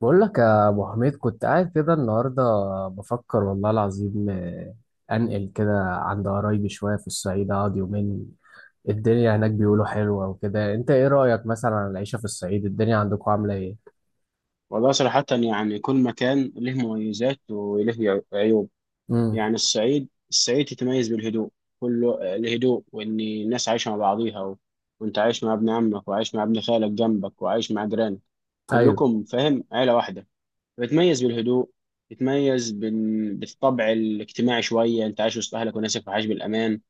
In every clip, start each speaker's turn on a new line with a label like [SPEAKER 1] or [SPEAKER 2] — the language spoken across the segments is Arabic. [SPEAKER 1] بقول لك يا ابو حميد، كنت قاعد كده النهارده بفكر والله العظيم، انقل كده عند قرايبي شويه في الصعيد اقعد يومين. الدنيا هناك بيقولوا حلوه وكده. انت ايه رايك مثلا عن العيشه في الصعيد؟ الدنيا عندكم عامله ايه؟
[SPEAKER 2] والله صراحة، يعني كل مكان له مميزات وله عيوب.
[SPEAKER 1] امم.
[SPEAKER 2] يعني الصعيد تتميز بالهدوء، كله الهدوء، وإن الناس عايشة مع بعضيها وأنت عايش مع ابن عمك وعايش مع ابن خالك جنبك وعايش مع جيرانك،
[SPEAKER 1] ايوه.
[SPEAKER 2] كلكم فاهم عيلة واحدة. بتميز بالهدوء، بتميز بالطبع الاجتماعي شوية، أنت عايش وسط أهلك وناسك وعايش بالأمان.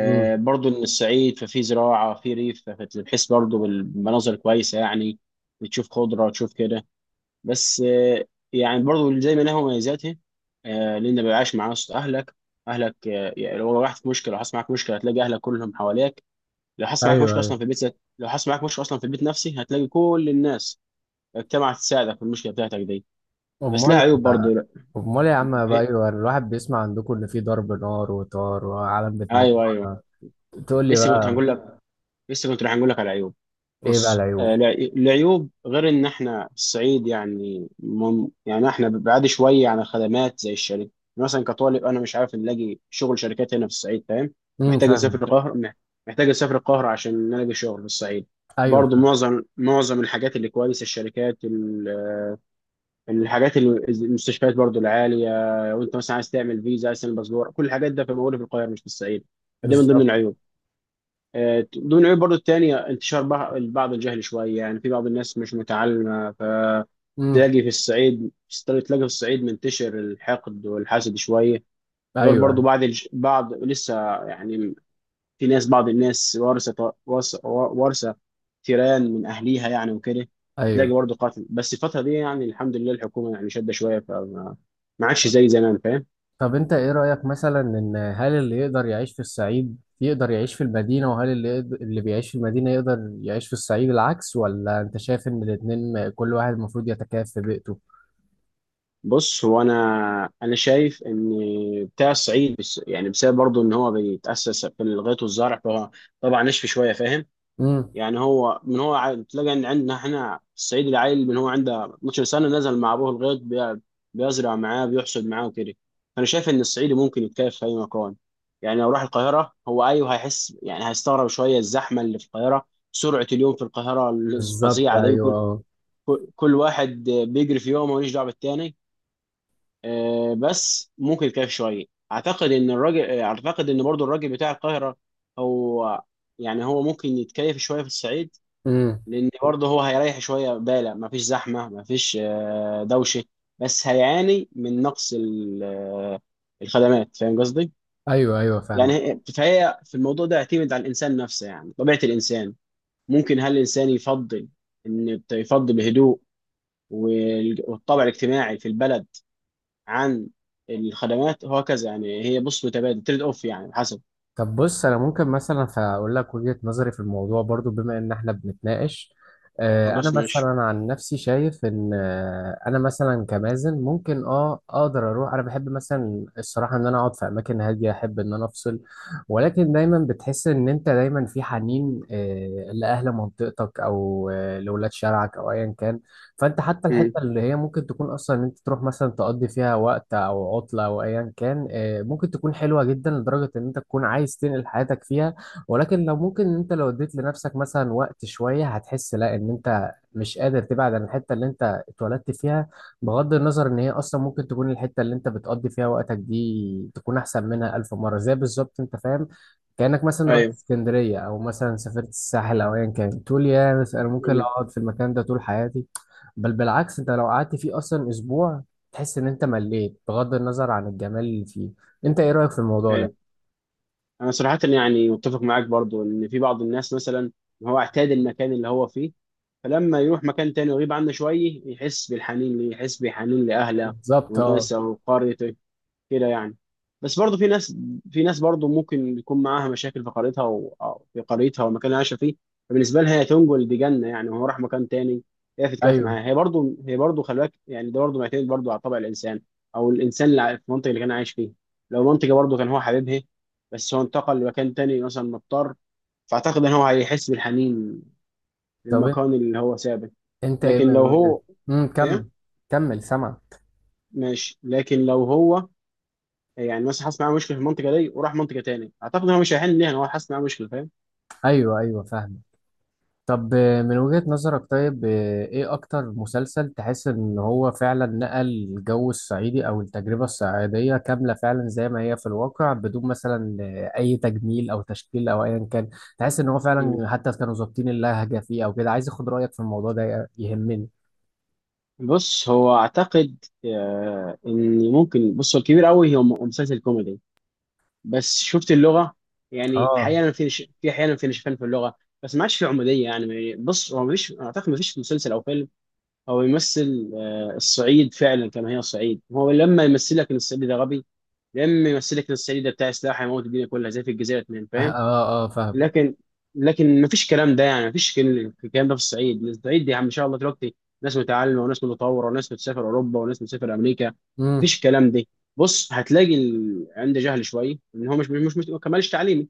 [SPEAKER 1] امم.
[SPEAKER 2] برضو إن الصعيد ففيه زراعة، فيه ريف، فبتحس برضو بالمناظر كويسة يعني، بتشوف خضرة، تشوف كده. بس يعني برضو زي ما لها مميزاتها لان ما بيبقاش معاه صوت اهلك. اهلك يعني لو رحت في مشكله، لو حصل معاك مشكله هتلاقي اهلك كلهم حواليك. لو حصل معاك
[SPEAKER 1] ايوه.
[SPEAKER 2] مشكله اصلا
[SPEAKER 1] ايوه.
[SPEAKER 2] في بيتك، لو حصل معاك مشكله اصلا في البيت نفسي هتلاقي كل الناس اجتمعت تساعدك في المشكله بتاعتك دي. بس لها
[SPEAKER 1] امال
[SPEAKER 2] عيوب برضو، لا.
[SPEAKER 1] امال يا عم بقى.
[SPEAKER 2] إيه؟
[SPEAKER 1] ايوه، الواحد بيسمع عندكم ان في ضرب نار وطار وعالم بتموت.
[SPEAKER 2] ايوه، ايوه.
[SPEAKER 1] تقول لي
[SPEAKER 2] لسه كنت
[SPEAKER 1] بقى.
[SPEAKER 2] هنقول لك، لسه كنت رايح اقول لك على عيوب.
[SPEAKER 1] ايه بقى
[SPEAKER 2] بص،
[SPEAKER 1] العيوب؟
[SPEAKER 2] العيوب غير ان احنا في الصعيد، يعني يعني احنا بعاد شويه عن الخدمات زي الشركه يعني. مثلا كطالب انا مش عارف نلاقي شغل شركات هنا في الصعيد، فاهم؟
[SPEAKER 1] امم،
[SPEAKER 2] محتاج
[SPEAKER 1] فاهمه.
[SPEAKER 2] اسافر القاهره، محتاج اسافر القاهره عشان نلاقي شغل في الصعيد.
[SPEAKER 1] ايوه،
[SPEAKER 2] برضو
[SPEAKER 1] فاهم.
[SPEAKER 2] معظم الحاجات اللي كويسه، الشركات الحاجات اللي المستشفيات برضو العاليه. وانت مثلا عايز تعمل فيزا، عايز تعمل باسبور، كل الحاجات ده في موجوده في القاهره، مش في الصعيد. فدي من ضمن
[SPEAKER 1] بالظبط.
[SPEAKER 2] العيوب. ضمن العيوب برضو التانية انتشار بعض الجهل شوية، يعني في بعض الناس مش متعلمة،
[SPEAKER 1] امم.
[SPEAKER 2] فتلاقي في الصعيد، تلاقي في الصعيد منتشر الحقد والحسد شوية. غير
[SPEAKER 1] ايوه.
[SPEAKER 2] برضو
[SPEAKER 1] ايوه.
[SPEAKER 2] بعض لسه، يعني، في ناس، بعض الناس وارثة وارثة تيران من أهليها يعني وكده. تلاقي
[SPEAKER 1] ايوه.
[SPEAKER 2] برضو قاتل، بس الفترة دي يعني الحمد لله الحكومة يعني شادة شوية، فما، ما عادش زي زمان، فاهم؟
[SPEAKER 1] طب انت ايه رأيك مثلا، ان هل اللي يقدر يعيش في الصعيد يقدر يعيش في المدينة، وهل اللي يقدر اللي بيعيش في المدينة يقدر يعيش في الصعيد العكس، ولا انت شايف ان الاتنين كل واحد المفروض يتكيف في بيئته؟
[SPEAKER 2] بص، انا انا شايف ان بتاع الصعيد بس يعني بسبب برضه ان هو بيتاسس في الغيط والزرع، فهو طبعا نشف شويه، فاهم؟
[SPEAKER 1] امم.
[SPEAKER 2] يعني هو تلاقي ان عندنا احنا في الصعيد العيل من هو عنده 12 سنه نزل مع ابوه الغيط، بيزرع معاه، بيحصد معاه، وكده. فانا شايف ان الصعيدي ممكن يتكيف في اي مكان. يعني لو راح القاهره هو ايوه هيحس، يعني هيستغرب شويه الزحمه اللي في القاهره، سرعه اليوم في القاهره
[SPEAKER 1] بالظبط،
[SPEAKER 2] الفظيعه دي،
[SPEAKER 1] ايوه.
[SPEAKER 2] كل
[SPEAKER 1] أه.
[SPEAKER 2] كل كل واحد بيجري في يومه، ماليش دعوه بالتاني. بس ممكن كاف شويه. اعتقد ان الراجل، اعتقد ان برضو الراجل بتاع القاهره هو، يعني هو ممكن يتكيف شويه في الصعيد،
[SPEAKER 1] امم.
[SPEAKER 2] لان برضه هو هيريح شويه باله، ما فيش زحمه، ما فيش دوشه. بس هيعاني من نقص الخدمات، فاهم قصدي؟
[SPEAKER 1] ايوه ايوه
[SPEAKER 2] يعني
[SPEAKER 1] فاهمك.
[SPEAKER 2] فهي في الموضوع ده يعتمد على الانسان نفسه، يعني طبيعه الانسان، ممكن هل الانسان يفضل، ان يفضل الهدوء والطابع الاجتماعي في البلد عن الخدمات وهكذا. يعني هي بص متبادل تريد اوف يعني، حسب.
[SPEAKER 1] طب بص، انا ممكن مثلا فاقول لك وجهة نظري في الموضوع برضو بما ان احنا بنتناقش. انا
[SPEAKER 2] خلاص، ماشي.
[SPEAKER 1] مثلا عن نفسي شايف ان انا مثلا كمازن ممكن اقدر اروح. انا بحب مثلا الصراحه ان انا اقعد في اماكن هاديه، احب ان انا افصل. ولكن دايما بتحس ان انت دايما في حنين لاهل منطقتك، او لولاد شارعك او ايا كان. فانت حتى
[SPEAKER 2] امم،
[SPEAKER 1] الحته اللي هي ممكن تكون اصلا ان انت تروح مثلا تقضي فيها وقت او عطله او ايا كان، ممكن تكون حلوه جدا لدرجه ان انت تكون عايز تنقل حياتك فيها. ولكن لو ممكن ان انت لو اديت لنفسك مثلا وقت شويه، هتحس لا، ان انت مش قادر تبعد عن الحته اللي انت اتولدت فيها. بغض النظر ان هي اصلا ممكن تكون الحته اللي انت بتقضي فيها وقتك دي تكون احسن منها الف مره، زي بالظبط، انت فاهم؟ كأنك مثلا رحت
[SPEAKER 2] ايوه،
[SPEAKER 1] اسكندرية، أو مثلا سافرت الساحل أو أيا كان، تقول يا بس أنا ممكن
[SPEAKER 2] امم،
[SPEAKER 1] أقعد في المكان ده طول حياتي. بل بالعكس، انت لو قعدت فيه اصلا اسبوع، تحس ان انت مليت بغض النظر عن الجمال اللي فيه. انت ايه رأيك في الموضوع ده؟
[SPEAKER 2] ايوه. انا صراحه يعني متفق معاك برضو ان في بعض الناس مثلا هو اعتاد المكان اللي هو فيه، فلما يروح مكان تاني ويغيب عنه شويه يحس بالحنين ليه، يحس بحنين لاهله
[SPEAKER 1] بالظبط، اه.
[SPEAKER 2] وناسه وقريته، كده يعني. بس برضه في ناس، في ناس برضه ممكن يكون معاها مشاكل في قريتها أو في قريتها والمكان اللي عايشه فيه، فبالنسبه لها هي تنجل دي جنه يعني، وهو راح مكان تاني هي تتكيف
[SPEAKER 1] ايوه.
[SPEAKER 2] معاها. هي برضه، هي برضه خلي بالك، يعني ده برضه معتمد برضه على طبع الانسان او الانسان في المنطقه اللي كان عايش فيه. لو منطقه برضه كان هو حبيبها بس هو انتقل لمكان تاني مثلا مضطر، فاعتقد ان هو هيحس بالحنين
[SPEAKER 1] طب انت
[SPEAKER 2] للمكان اللي هو سابه.
[SPEAKER 1] انت ايه
[SPEAKER 2] لكن
[SPEAKER 1] من
[SPEAKER 2] لو
[SPEAKER 1] وجهة.
[SPEAKER 2] هو،
[SPEAKER 1] امم،
[SPEAKER 2] ايه،
[SPEAKER 1] كمل. كمل، سامع.
[SPEAKER 2] ماشي. لكن لو هو يعني مثلا حاسس معاه مشكله في المنطقه دي وراح منطقه تاني، اعتقد هو مش هيحل ليها هو حاسس معاه مشكله، فاهم؟
[SPEAKER 1] ايوه ايوه فاهم. طب من وجهة نظرك، طيب ايه اكتر مسلسل تحس ان هو فعلا نقل الجو الصعيدي او التجربة الصعيدية كاملة فعلا زي ما هي في الواقع، بدون مثلا اي تجميل او تشكيل او ايا كان؟ تحس ان هو فعلا
[SPEAKER 2] مم.
[SPEAKER 1] حتى كانوا ظابطين اللهجة فيه او كده؟ عايز اخد رأيك في الموضوع ده، يهمني.
[SPEAKER 2] بص، هو اعتقد آه ان ممكن، بص هو الكبير قوي هو مسلسل كوميدي، بس شفت اللغه يعني
[SPEAKER 1] اه.
[SPEAKER 2] احيانا في احيانا في نشفان في اللغه، بس ما عادش في عموديه يعني. بص هو مفيش، اعتقد مفيش مسلسل او فيلم هو يمثل آه الصعيد فعلا كما هي. الصعيد هو لما يمثل لك ان الصعيدي ده غبي، لما يمثل لك ان الصعيدي ده بتاع سلاح هيموت الدنيا كلها زي في الجزائر اتنين،
[SPEAKER 1] اه.
[SPEAKER 2] فاهم؟
[SPEAKER 1] اه. فاهم.
[SPEAKER 2] لكن لكن ما فيش كلام ده، يعني ما فيش الكلام ده في الصعيد. الصعيد دي ما شاء الله دلوقتي ناس متعلمه وناس متطوره وناس بتسافر اوروبا وناس بتسافر امريكا، ما
[SPEAKER 1] امم.
[SPEAKER 2] فيش الكلام ده. بص، هتلاقي عنده جهل شويه ان هو مش ما كملش تعليم،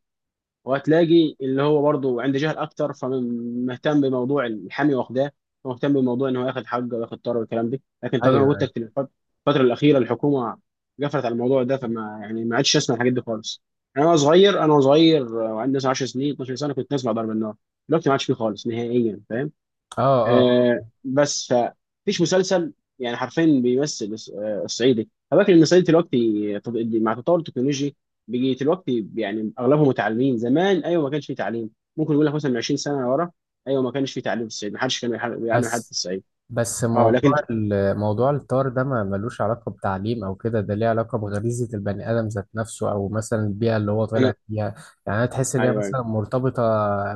[SPEAKER 2] وهتلاقي اللي هو برضه عنده جهل اكتر فمهتم بموضوع الحامي واخداه، ومهتم بموضوع ان هو ياخد حقه وياخد طار والكلام ده. لكن
[SPEAKER 1] ايوه.
[SPEAKER 2] طبعا زي ما قلت
[SPEAKER 1] أيوة.
[SPEAKER 2] لك في الفتره الاخيره الحكومه قفلت على الموضوع ده، فما يعني ما عادش اسمع الحاجات دي خالص. انا وانا صغير، انا صغير، وعندي مثلا 10 سنين 12 سنه كنت اسمع ضرب النار. دلوقتي ما عادش فيه خالص نهائيا، فاهم؟
[SPEAKER 1] اه. اه.
[SPEAKER 2] آه، بس فمفيش مسلسل يعني حرفيا بيمثل الصعيدي. فاكر ان الصعيدي دلوقتي مع تطور التكنولوجي، بيجي دلوقتي يعني اغلبهم متعلمين. زمان ايوه ما كانش فيه تعليم، ممكن يقول لك مثلا من 20 سنه ورا ايوه ما كانش فيه تعليم في الصعيد، ما حدش كان بيعلم حد في
[SPEAKER 1] بس
[SPEAKER 2] الصعيد.
[SPEAKER 1] بس
[SPEAKER 2] اه،
[SPEAKER 1] موضوع
[SPEAKER 2] لكن
[SPEAKER 1] موضوع الطار ده ما ملوش علاقة بتعليم أو كده. ده ليه علاقة بغريزة البني آدم ذات نفسه، أو مثلا البيئة اللي هو
[SPEAKER 2] انا،
[SPEAKER 1] طالع فيها. يعني أنا تحس إن هي
[SPEAKER 2] ايوه، ايوه،
[SPEAKER 1] مثلا مرتبطة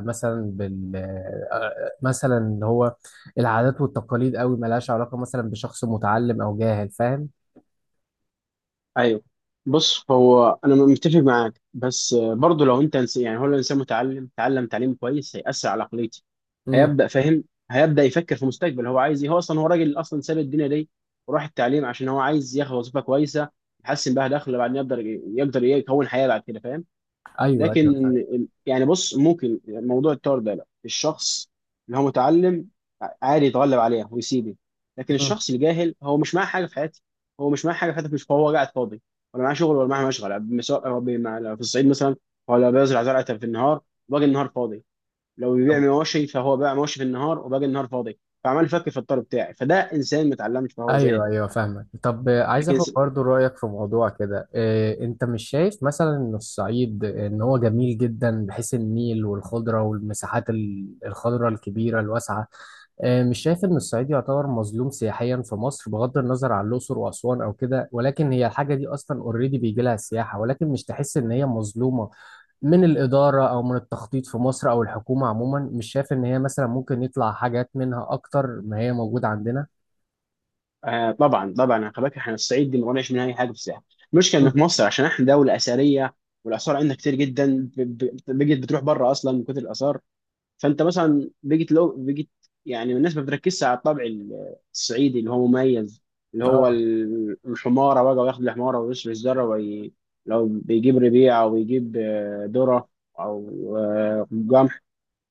[SPEAKER 1] مثلا بال آه، مثلا اللي هو العادات والتقاليد أوي، ملهاش علاقة مثلا بشخص متعلم أو جاهل، فاهم؟
[SPEAKER 2] ايوه. بص هو انا متفق معاك، بس برضه لو انت يعني هو لو الانسان متعلم تعلم تعليم كويس هيأثر على عقليته،
[SPEAKER 1] مم.
[SPEAKER 2] هيبدا فاهم، هيبدا يفكر في مستقبل هو عايز ايه. هو اصلا هو راجل اصلا ساب الدنيا دي وراح التعليم عشان هو عايز ياخد وظيفه كويسه يحسن بها دخله، بعدين يقدر يكون حياه بعد كده، فاهم؟
[SPEAKER 1] أيوه أيوه
[SPEAKER 2] لكن
[SPEAKER 1] فاهم.
[SPEAKER 2] يعني بص ممكن موضوع التور ده، لا، الشخص اللي هو متعلم عادي يتغلب عليها ويسيبه. لكن
[SPEAKER 1] مم.
[SPEAKER 2] الشخص الجاهل هو مش معاه حاجه في حياته، هو مش معاه حاجه في حياته، مش هو قاعد فاضي، ولا معاه شغل ولا معاه مشغل، سواء في الصعيد مثلا، ولا بيزرع زرعه في النهار، باقي النهار فاضي، لو بيبيع مواشي فهو باع مواشي في النهار وباقي النهار فاضي، فعمال يفكر في الطلب بتاعي. فده انسان ما اتعلمش فهو
[SPEAKER 1] ايوه
[SPEAKER 2] جاهل.
[SPEAKER 1] ايوه فاهمك. طب عايز
[SPEAKER 2] لكن
[SPEAKER 1] اخد برضو رايك في موضوع كده. انت مش شايف مثلا ان الصعيد، ان هو جميل جدا بحيث النيل والخضره والمساحات الخضراء الكبيره الواسعه، مش شايف ان الصعيد يعتبر مظلوم سياحيا في مصر؟ بغض النظر عن الاقصر واسوان او كده، ولكن هي الحاجه دي اصلا اوريدي بيجي لها سياحه، ولكن مش تحس ان هي مظلومه من الإدارة أو من التخطيط في مصر أو الحكومة عموما؟ مش شايف إن هي مثلا ممكن يطلع حاجات منها أكتر ما هي موجودة عندنا؟
[SPEAKER 2] آه، طبعا طبعا، خلي بالك احنا الصعيد دي ما بنعرفش منها اي حاجه في الساحل. المشكله ان في
[SPEAKER 1] مم.
[SPEAKER 2] مصر عشان احنا دوله اثريه، والاثار عندنا كتير جدا، بقت بتروح بره اصلا من كتر الاثار. فانت مثلا بقيت، لو بقيت، يعني الناس ما بتركزش على الطبع الصعيدي اللي هو مميز، اللي هو
[SPEAKER 1] اه.
[SPEAKER 2] الحماره بقى وياخد الحماره ويشرب الذره لو بيجيب ربيع او بيجيب ذره او،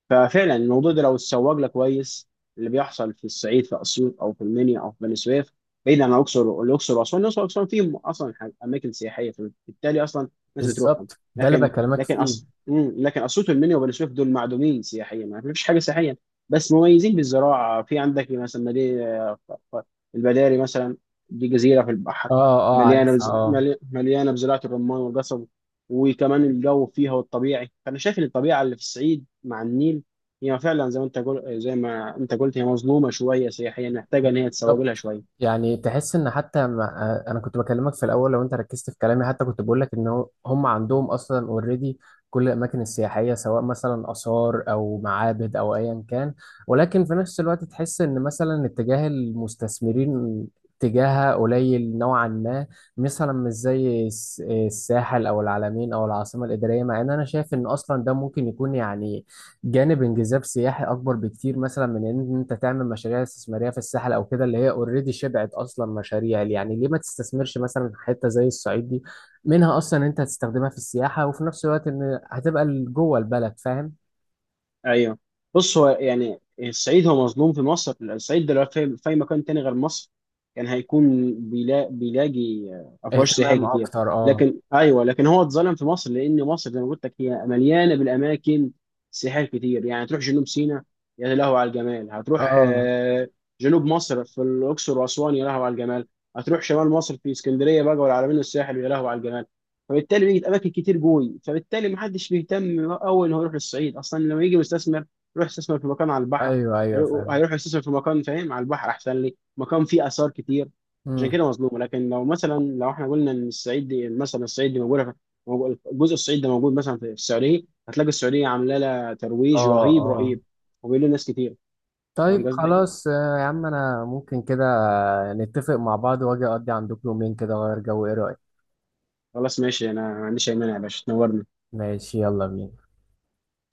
[SPEAKER 2] ففعلا الموضوع ده لو اتسوق له كويس. اللي بيحصل في الصعيد في اسيوط او في المنيا او في بني سويف، بعيد عن الاقصر. الاقصر واسوان، الاقصر واسوان فيهم اصلا اماكن سياحيه، فبالتالي اصلا الناس بتروحهم.
[SPEAKER 1] بالظبط، ده اللي
[SPEAKER 2] لكن
[SPEAKER 1] بكلمك
[SPEAKER 2] لكن
[SPEAKER 1] فيه.
[SPEAKER 2] اصلا، لكن اسيوط والمنيا وبني سويف دول معدومين سياحيا، ما فيش حاجه سياحيا، بس مميزين بالزراعه. في عندك مثلا مدينه البداري مثلا، دي جزيره في البحر،
[SPEAKER 1] اه اه عارفها اه.
[SPEAKER 2] مليانه بزراعه الرمان والقصب، وكمان الجو فيها والطبيعي. فانا شايف ان الطبيعه اللي في الصعيد مع النيل هي فعلا زي ما زي ما انت قلت هي مظلومه شويه سياحيا، محتاجه ان هي تسوق لها
[SPEAKER 1] بالظبط.
[SPEAKER 2] شويه.
[SPEAKER 1] يعني تحس ان حتى ما انا كنت بكلمك في الاول، لو انت ركزت في كلامي، حتى كنت بقول لك ان هم عندهم اصلا اوريدي كل الاماكن السياحيه سواء مثلا اثار او معابد او ايا كان. ولكن في نفس الوقت تحس ان مثلا اتجاه المستثمرين اتجاهها قليل نوعا ما، مثلا مش زي الساحل او العلمين او العاصمه الاداريه. مع ان انا شايف ان اصلا ده ممكن يكون، يعني جانب انجذاب سياحي اكبر بكتير، مثلا من ان انت تعمل مشاريع استثماريه في الساحل او كده اللي هي اوريدي شبعت اصلا مشاريع. يعني ليه ما تستثمرش مثلا في حته زي الصعيد دي؟ منها اصلا انت هتستخدمها في السياحه، وفي نفس الوقت ان هتبقى جوه البلد، فاهم؟
[SPEAKER 2] ايوه. بص هو يعني الصعيد هو مظلوم في مصر. الصعيد ده لو في أي مكان تاني غير مصر كان هيكون بيلاقي افواج
[SPEAKER 1] اهتمام
[SPEAKER 2] سياحيه كتير.
[SPEAKER 1] اكتر، اه.
[SPEAKER 2] لكن ايوه، لكن هو اتظلم في مصر لان مصر زي ما قلت لك هي مليانه بالاماكن سياحيه كتير، يعني تروح جنوب سيناء يا لهو على الجمال، هتروح
[SPEAKER 1] اه.
[SPEAKER 2] جنوب مصر في الاقصر واسوان يا لهو على الجمال، هتروح شمال مصر في اسكندريه بقى والعلمين والساحل يا لهو على الجمال. فبالتالي بيجي اماكن كتير جوي، فبالتالي محدش بيهتم قوي ان هو يروح للصعيد. اصلا لما يجي مستثمر يروح يستثمر في مكان على البحر،
[SPEAKER 1] ايوه ايوه فاهم.
[SPEAKER 2] هيروح يستثمر في مكان، فاهم، على البحر احسن لي مكان فيه اثار كتير. عشان
[SPEAKER 1] مم.
[SPEAKER 2] كده مظلوم. لكن لو مثلا لو احنا قلنا ان الصعيد دي مثلا، الصعيد دي موجوده في موجود- الجزء الصعيد ده موجود مثلا في السعوديه، هتلاقي السعوديه عامله لها ترويج
[SPEAKER 1] اه.
[SPEAKER 2] رهيب
[SPEAKER 1] اه.
[SPEAKER 2] رهيب، وبيقول له ناس كتير.
[SPEAKER 1] طيب
[SPEAKER 2] فاهم قصدي؟
[SPEAKER 1] خلاص. يا عم انا ممكن كده نتفق مع بعض واجي اقضي عندكم يومين كده اغير جو، ايه رايك؟
[SPEAKER 2] خلاص ماشي، انا ما عنديش اي مانع، يا باشا تنورنا.
[SPEAKER 1] ماشي، يلا بينا.